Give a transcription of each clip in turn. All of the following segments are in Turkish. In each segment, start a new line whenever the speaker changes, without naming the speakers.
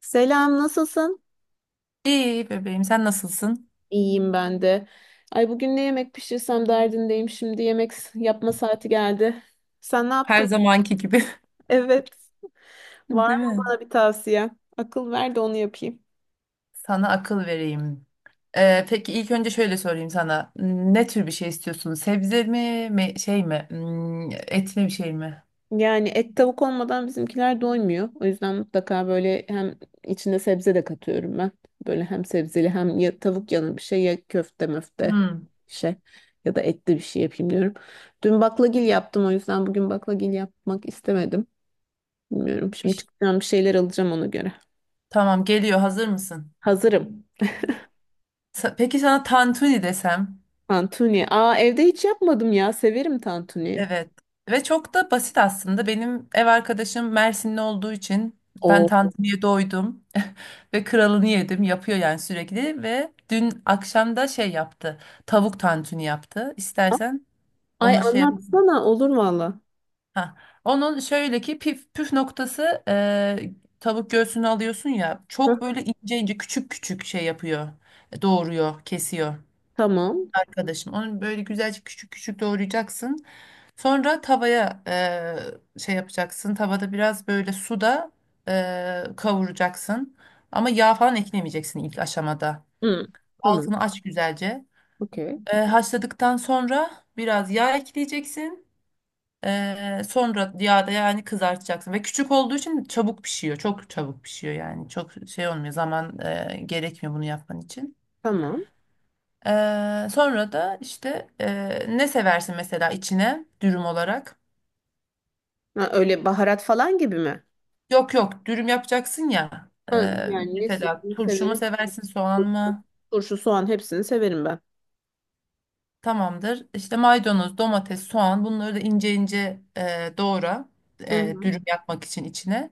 Selam, nasılsın?
İyi bebeğim, sen nasılsın?
İyiyim ben de. Ay bugün ne yemek pişirsem derdindeyim. Şimdi yemek yapma saati geldi. Sen ne
Her
yaptın?
zamanki gibi.
Evet.
Değil
Var mı
mi?
bana bir tavsiye? Akıl ver de onu yapayım.
Sana akıl vereyim. Peki ilk önce şöyle sorayım sana. Ne tür bir şey istiyorsun? Sebze mi, şey mi? Et mi, bir şey mi?
Yani et tavuk olmadan bizimkiler doymuyor. O yüzden mutlaka böyle hem içinde sebze de katıyorum ben. Böyle hem sebzeli hem ya tavuk yanı bir şey ya köfte möfte
Hmm.
bir şey ya da etli bir şey yapayım diyorum. Dün baklagil yaptım o yüzden bugün baklagil yapmak istemedim. Bilmiyorum.
Bir
Şimdi
ş-
çıkacağım bir şeyler alacağım ona göre.
Tamam, geliyor. Hazır mısın?
Hazırım.
Peki sana tantuni desem?
Tantuni. Aa, evde hiç yapmadım ya. Severim tantuni.
Evet ve çok da basit aslında. Benim ev arkadaşım Mersinli olduğu için ben
Oo.
tantuniye doydum ve kralını yedim. Yapıyor yani sürekli ve dün akşam da şey yaptı. Tavuk tantuni yaptı. İstersen
Ay
onu şey yap.
anlatsana, olur valla.
Ha. Onun şöyle ki püf noktası, tavuk göğsünü alıyorsun ya,
Hı.
çok böyle ince ince küçük küçük şey yapıyor. Doğruyor, kesiyor
Tamam.
arkadaşım. Onu böyle güzelce küçük küçük doğrayacaksın. Sonra tavaya şey yapacaksın. Tavada biraz böyle suda kavuracaksın. Ama yağ falan eklemeyeceksin ilk aşamada.
Hı. Tamam.
Altını aç güzelce.
Okey.
Haşladıktan sonra biraz yağ ekleyeceksin. Sonra yağda yani kızartacaksın. Ve küçük olduğu için çabuk pişiyor. Çok çabuk pişiyor yani. Çok şey olmuyor. Zaman gerekmiyor bunu yapman için.
Tamam.
Sonra da işte ne seversin mesela içine dürüm olarak?
Ha, öyle baharat falan gibi mi?
Yok yok, dürüm yapacaksın ya.
Ha,
Ee,
yani ne
Mesela turşu mu
severim?
seversin, soğan
Turşu.
mı?
Turşu, soğan, hepsini severim ben.
Tamamdır. İşte maydanoz, domates, soğan, bunları da ince ince doğra.
Hı hı.
Dürüm yapmak için içine.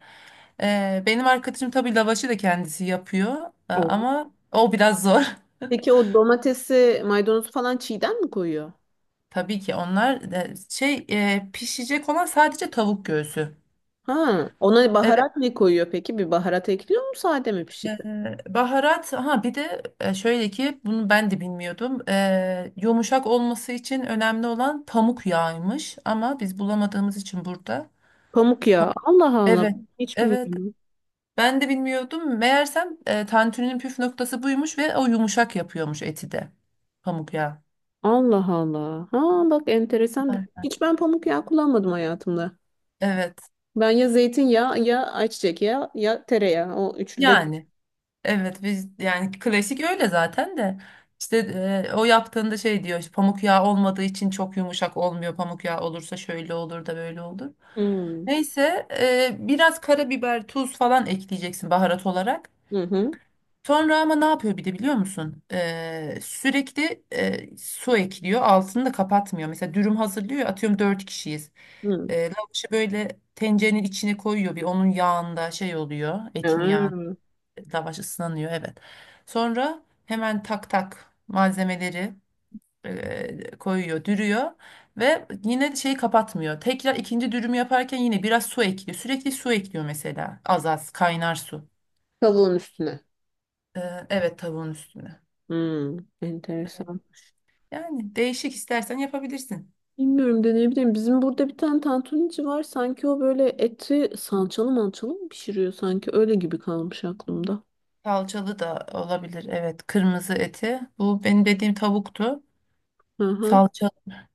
Benim arkadaşım tabii lavaşı da kendisi yapıyor.
Oo.
Ama o biraz zor.
Peki o domatesi, maydanozu falan çiğden mi koyuyor?
Tabii ki onlar şey, pişecek olan sadece tavuk göğsü.
Ha, ona
Evet.
baharat ne koyuyor peki? Bir baharat ekliyor mu sade mi pişiriyor?
Ee, Baharat, ha bir de şöyle ki bunu ben de bilmiyordum. Yumuşak olması için önemli olan pamuk yağıymış ama biz bulamadığımız için burada.
Pamuk
Pam-
ya. Allah Allah.
evet.
Hiç
Evet.
bilmiyorum.
Ben de bilmiyordum. Meğersem tantuninin püf noktası buymuş ve o yumuşak yapıyormuş eti de. Pamuk yağı.
Allah Allah. Ha bak, enteresan bir.
Ay.
Hiç ben pamuk yağı kullanmadım hayatımda.
Evet.
Ben ya zeytinyağı ya ayçiçek yağı ya tereyağı. O üçlü de.
Yani evet, biz yani klasik öyle zaten de. İşte o yaptığında şey diyor işte, pamuk yağı olmadığı için çok yumuşak olmuyor. Pamuk yağı olursa şöyle olur da böyle olur.
Hmm.
Neyse, biraz karabiber, tuz falan ekleyeceksin baharat olarak.
Hı hı.
Sonra ama ne yapıyor bir de, biliyor musun? Sürekli su ekliyor. Altını da kapatmıyor. Mesela dürüm hazırlıyor. Ya, atıyorum dört kişiyiz.
Hı.
Lavaşı böyle tencerenin içine koyuyor. Bir onun yağında şey oluyor. Etin yağında
Hmm.
lavaş ıslanıyor. Evet. Sonra hemen tak tak malzemeleri koyuyor, dürüyor ve yine şeyi kapatmıyor. Tekrar ikinci dürümü yaparken yine biraz su ekliyor. Sürekli su ekliyor mesela. Az az kaynar su.
Tavuğun üstüne.
Ee, evet, tavuğun üstüne.
Hmm. Enteresan.
Yani değişik istersen yapabilirsin.
Bilmiyorum, deneyebilirim. Bizim burada bir tane tantunici var. Sanki o böyle eti salçalı mançalı mı pişiriyor sanki? Öyle gibi kalmış aklımda.
Salçalı da olabilir. Evet, kırmızı eti. Bu benim dediğim tavuktu.
Hı hı.
Salça.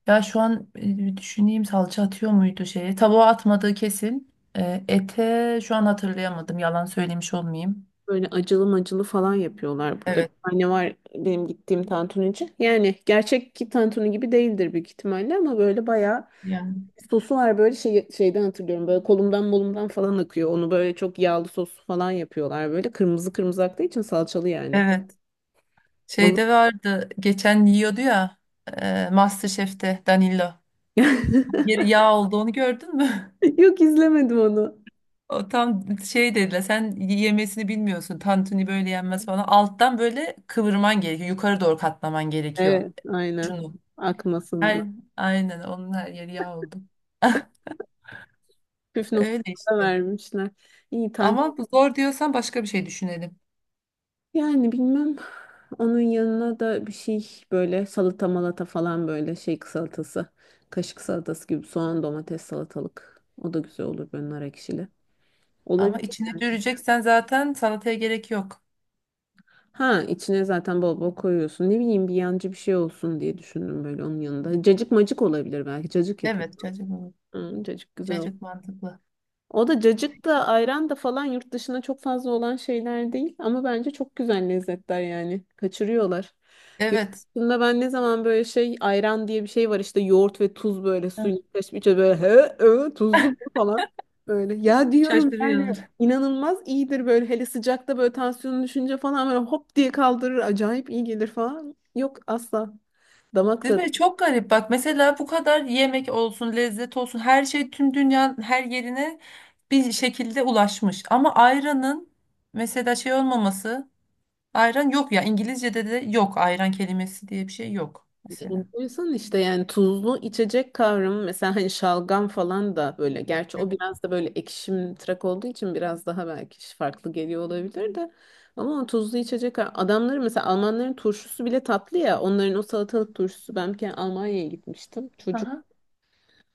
Ya şu an bir düşüneyim, salça atıyor muydu şeye? Tavuğa atmadığı kesin. Ete şu an hatırlayamadım. Yalan söylemiş olmayayım.
Böyle acılı macılı falan yapıyorlar burada. Bir
Evet.
tane var benim gittiğim tantunici. Yani gerçek ki tantuni gibi değildir büyük ihtimalle ama böyle bayağı
Yani.
sosu var böyle şey, şeyden hatırlıyorum. Böyle kolumdan molumdan falan akıyor. Onu böyle çok yağlı sos falan yapıyorlar böyle. Kırmızı kırmızı aktığı için salçalı yani.
Evet.
Onu...
Şeyde vardı geçen, yiyordu ya, MasterChef'te Danilo. Bir yağ olduğunu gördün mü?
Yok, izlemedim onu.
O tam şey dediler, sen yemesini bilmiyorsun. Tantuni böyle yenmez falan. Alttan böyle kıvırman gerekiyor. Yukarı doğru katlaman gerekiyor.
Evet aynen.
Şunu.
Akmasın diye.
Her, aynen, onun her yeri yağ oldu.
Püf
Öyle
noktada
işte.
vermişler. İyi tantuni.
Ama bu zor diyorsan başka bir şey düşünelim.
Yani bilmem, onun yanına da bir şey, böyle salata malata falan, böyle şey salatası. Kaşık salatası gibi soğan domates salatalık. O da güzel olur böyle nar ekşili. Olabilir
Ama içine
yani.
düreceksen zaten salataya gerek yok.
Ha, içine zaten bol bol koyuyorsun. Ne bileyim, bir yancı bir şey olsun diye düşündüm böyle onun yanında. Cacık macık olabilir belki. Cacık yapayım.
Evet çocuk,
Hı, cacık güzel olur.
cacık mantıklı.
O da cacık da ayran da falan yurt dışına çok fazla olan şeyler değil. Ama bence çok güzel lezzetler yani. Kaçırıyorlar. Yurt
Evet.
dışında ben ne zaman böyle şey ayran diye bir şey var işte yoğurt ve tuz böyle
Heh.
suyun karışmış böyle he, he, tuzlu bu falan. Böyle ya diyorum yani
Şaşırıyor.
inanılmaz iyidir böyle, hele sıcakta böyle tansiyonu düşünce falan böyle hop diye kaldırır, acayip iyi gelir falan. Yok asla. Damak
Değil mi? Çok garip. Bak mesela, bu kadar yemek olsun, lezzet olsun, her şey tüm dünyanın her yerine bir şekilde ulaşmış. Ama ayranın mesela şey olmaması, ayran yok ya, İngilizce'de de yok, ayran kelimesi diye bir şey yok mesela.
Enteresan işte, yani tuzlu içecek kavramı mesela, hani şalgam falan da böyle, gerçi o
Evet.
biraz da böyle ekşim tırak olduğu için biraz daha belki farklı geliyor olabilir de, ama o tuzlu içecek adamları mesela, Almanların turşusu bile tatlı ya, onların o salatalık turşusu. Ben bir kere Almanya'ya gitmiştim.
Aha.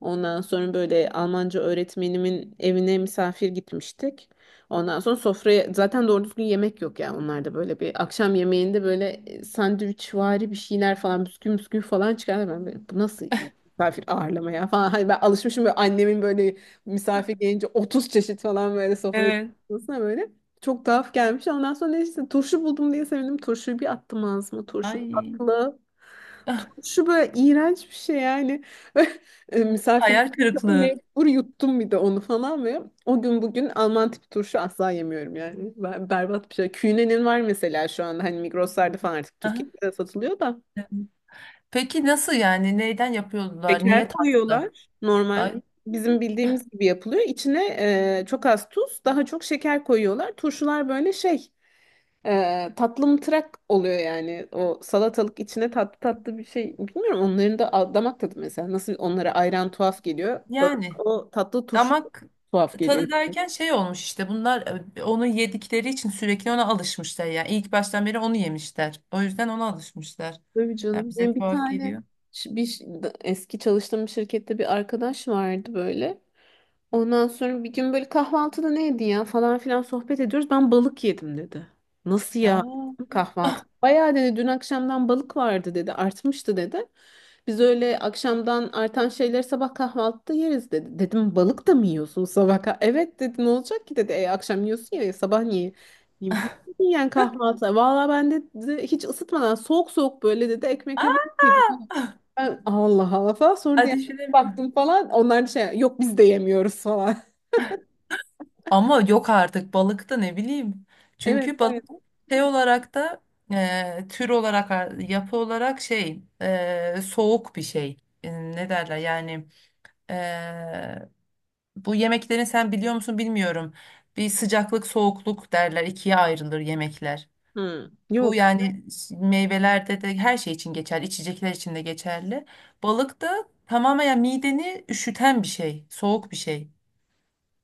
Ondan sonra böyle Almanca öğretmenimin evine misafir gitmiştik. Ondan sonra sofraya zaten doğru düzgün yemek yok ya onlarda, böyle bir akşam yemeğinde böyle sandviçvari bir şeyler falan, bisküvi bisküvi falan çıkardı. Ben böyle bu nasıl iyi misafir ağırlama ya falan. Hani ben alışmışım böyle annemin böyle misafir gelince 30 çeşit falan böyle sofraya
Evet.
çıkmasına böyle. Çok tuhaf gelmiş. Ondan sonra neyse turşu buldum diye sevindim. Turşuyu bir attım ağzıma. Turşu
Ay.
tatlı.
Ah.
Turşu böyle iğrenç bir şey yani. E, misafirlik
Hayal kırıklığı.
mecbur yuttum bir de onu falan ve o gün bugün Alman tipi turşu asla yemiyorum yani. Ben, berbat bir şey. Künenin var mesela şu anda, hani Migros'larda falan artık
Aha.
Türkiye'de de satılıyor da.
Peki nasıl yani? Neyden yapıyorlar?
Şeker
Niye tatlı?
koyuyorlar.
Ay
Normal bizim bildiğimiz gibi yapılıyor. İçine çok az tuz, daha çok şeker koyuyorlar. Turşular böyle şey tatlı oluyor yani. O salatalık içine tatlı tatlı bir şey. Bilmiyorum onların da damak tadı mesela. Nasıl onlara ayran tuhaf geliyor. Bana
yani.
o tatlı turşu
Damak
tuhaf geliyor.
tadı derken şey olmuş işte, bunlar onu yedikleri için sürekli ona alışmışlar yani, ilk baştan beri onu yemişler. O yüzden ona alışmışlar.
Tabii
Yani
canım.
bize
Benim bir
tuhaf
tane
geliyor.
eski çalıştığım bir şirkette bir arkadaş vardı böyle. Ondan sonra bir gün böyle kahvaltıda neydi ya falan filan sohbet ediyoruz. Ben balık yedim dedi. Nasıl ya dedim,
Aa,
kahvaltı? Bayağı dedi, dün akşamdan balık vardı dedi. Artmıştı dedi. Biz öyle akşamdan artan şeyleri sabah kahvaltıda yeriz dedi. Dedim balık da mı yiyorsun sabah? Evet dedi, ne olacak ki dedi. E, akşam yiyorsun ya sabah niye? Ne bileyim yani, kahvaltı. Valla ben de dedi, hiç ısıtmadan soğuk soğuk böyle dedi ekmekle
aa,
balık yedim. Ben Allah Allah falan, sonra da yani
ateş edemiyorum.
baktım falan onlar da şey, yok biz de yemiyoruz falan.
Ama yok artık, balık da ne bileyim. Çünkü
Evet
balık
bayağı.
şey olarak da, tür olarak, yapı olarak şey, soğuk bir şey. Ne derler yani, e, bu yemeklerin, sen biliyor musun bilmiyorum. Bir sıcaklık soğukluk derler, ikiye ayrılır yemekler.
Hı,
Bu
yok.
yani meyvelerde de, her şey için geçerli, içecekler için de geçerli. Balık da tamamen yani mideni üşüten bir şey, soğuk bir şey.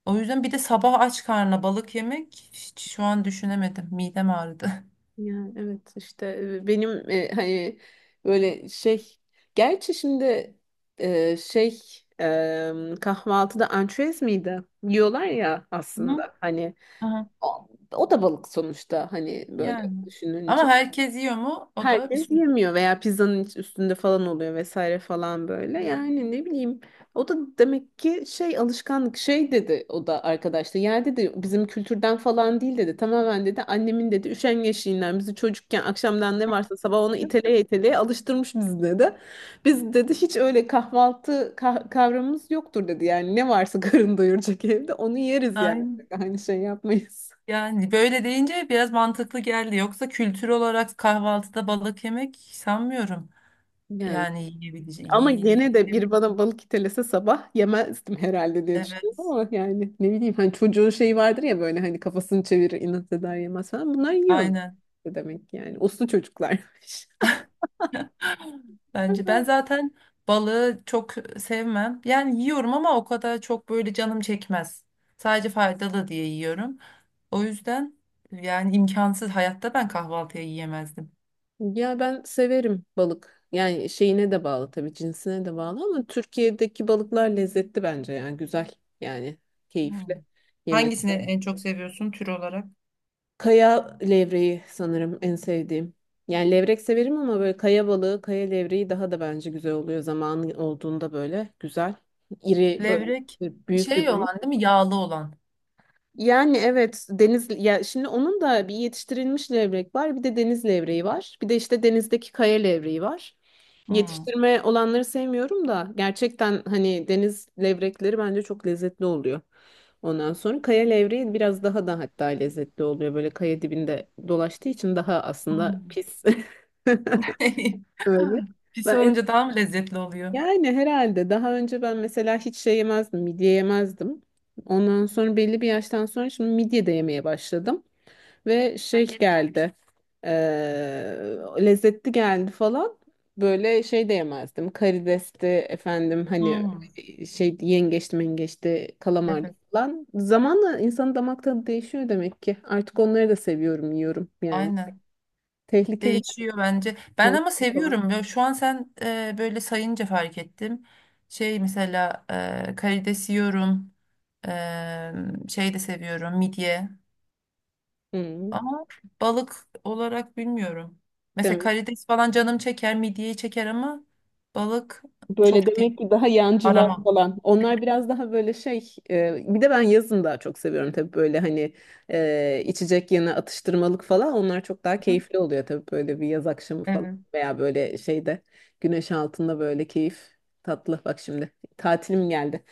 O yüzden bir de sabah aç karnına balık yemek hiç, şu an düşünemedim. Midem ağrıdı.
Yani evet işte benim hani böyle şey, gerçi şimdi şey e, kahvaltıda ançüez miydi? Yiyorlar ya
Hı.
aslında, hani
Aha.
o, o da balık sonuçta hani böyle
Yani. Ama
düşününce.
herkes yiyor mu? O da bir
Herkes
soru.
yemiyor veya pizzanın üstünde falan oluyor vesaire falan böyle. Yani ne bileyim. O da demek ki şey, alışkanlık şey dedi o da arkadaşta. Ya dedi bizim kültürden falan değil dedi. Tamamen dedi annemin dedi üşengeçliğinden bizi çocukken akşamdan ne varsa sabah onu iteleye iteleye alıştırmış bizi dedi. Biz dedi hiç öyle kahvaltı kavramımız yoktur dedi. Yani ne varsa karın doyuracak evde onu yeriz yani.
Aynen.
Aynı şey yapmayız.
Yani böyle deyince biraz mantıklı geldi. Yoksa kültür olarak kahvaltıda balık yemek sanmıyorum.
Yani.
Yani yiyebileceğim.
Ama gene de bir
Yiyebilirim.
bana balık itelese sabah yemezdim herhalde diye
Evet.
düşünüyorum ama, yani ne bileyim hani çocuğun şeyi vardır ya, böyle hani kafasını çevirir inat eder yemez falan, bunlar yiyor
Aynen.
demek ki, yani uslu çocuklarmış.
Bence ben zaten balığı çok sevmem. Yani yiyorum ama o kadar çok böyle canım çekmez. Sadece faydalı diye yiyorum. O yüzden yani imkansız, hayatta ben kahvaltıya yiyemezdim.
Ya ben severim balık. Yani şeyine de bağlı tabii, cinsine de bağlı, ama Türkiye'deki balıklar lezzetli bence, yani güzel, yani
Hmm.
keyifli yemesi.
Hangisini en çok seviyorsun tür olarak?
Kaya levreği sanırım en sevdiğim. Yani levrek severim ama böyle kaya balığı, kaya levreği daha da bence güzel oluyor zamanı olduğunda, böyle güzel. İri böyle
Levrek
büyük bir
şey
balık.
olan değil mi? Yağlı olan.
Yani evet deniz ya, şimdi onun da bir yetiştirilmiş levrek var, bir de deniz levreği var, bir de işte denizdeki kaya levreği var.
Hmm.
Yetiştirme olanları sevmiyorum da, gerçekten hani deniz levrekleri bence çok lezzetli oluyor. Ondan sonra kaya levreği biraz daha da hatta lezzetli oluyor, böyle kaya dibinde dolaştığı için daha aslında
Hmm.
pis. Öyle.
Pis
Ben
olunca daha mı lezzetli oluyor?
yani herhalde daha önce ben mesela hiç şey yemezdim, midye yemezdim. Ondan sonra belli bir yaştan sonra şimdi midye de yemeye başladım. Ve şey geldi, lezzetli geldi falan. Böyle şey de yemezdim, karidesti efendim, hani
Hmm,
şey yengeçti mengeçti kalamardı
evet,
falan. Zamanla insanın damak tadı değişiyor demek ki. Artık onları da seviyorum, yiyorum yani.
aynen.
Tehlikeli
Değişiyor bence. Ben ama
falan.
seviyorum. Ya şu an sen böyle sayınca fark ettim. Şey mesela, karides yiyorum. E, Şey de seviyorum, midye.
Hı.
Ama balık olarak bilmiyorum. Mesela karides falan canım çeker, midyeyi çeker ama balık
Böyle
çok değil.
demek ki daha yancılar
Aramam.
falan. Onlar biraz daha böyle şey. Bir de ben yazın daha çok seviyorum tabii, böyle hani içecek yanı atıştırmalık falan. Onlar çok daha
Hı,
keyifli oluyor tabii, böyle bir yaz akşamı falan
evet.
veya böyle şeyde, güneş altında böyle keyif tatlı. Bak şimdi tatilim geldi.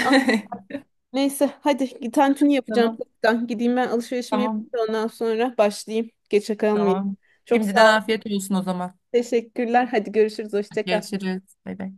Aa, neyse hadi tantuni yapacağım.
Tamam.
Ben gideyim, ben alışverişimi
Tamam.
yapayım da ondan sonra başlayayım. Geçe kalmayayım.
Tamam.
Çok
Şimdiden
sağ ol.
afiyet olsun o zaman.
Teşekkürler. Hadi görüşürüz. Hoşça kal.
Görüşürüz. Bay bay.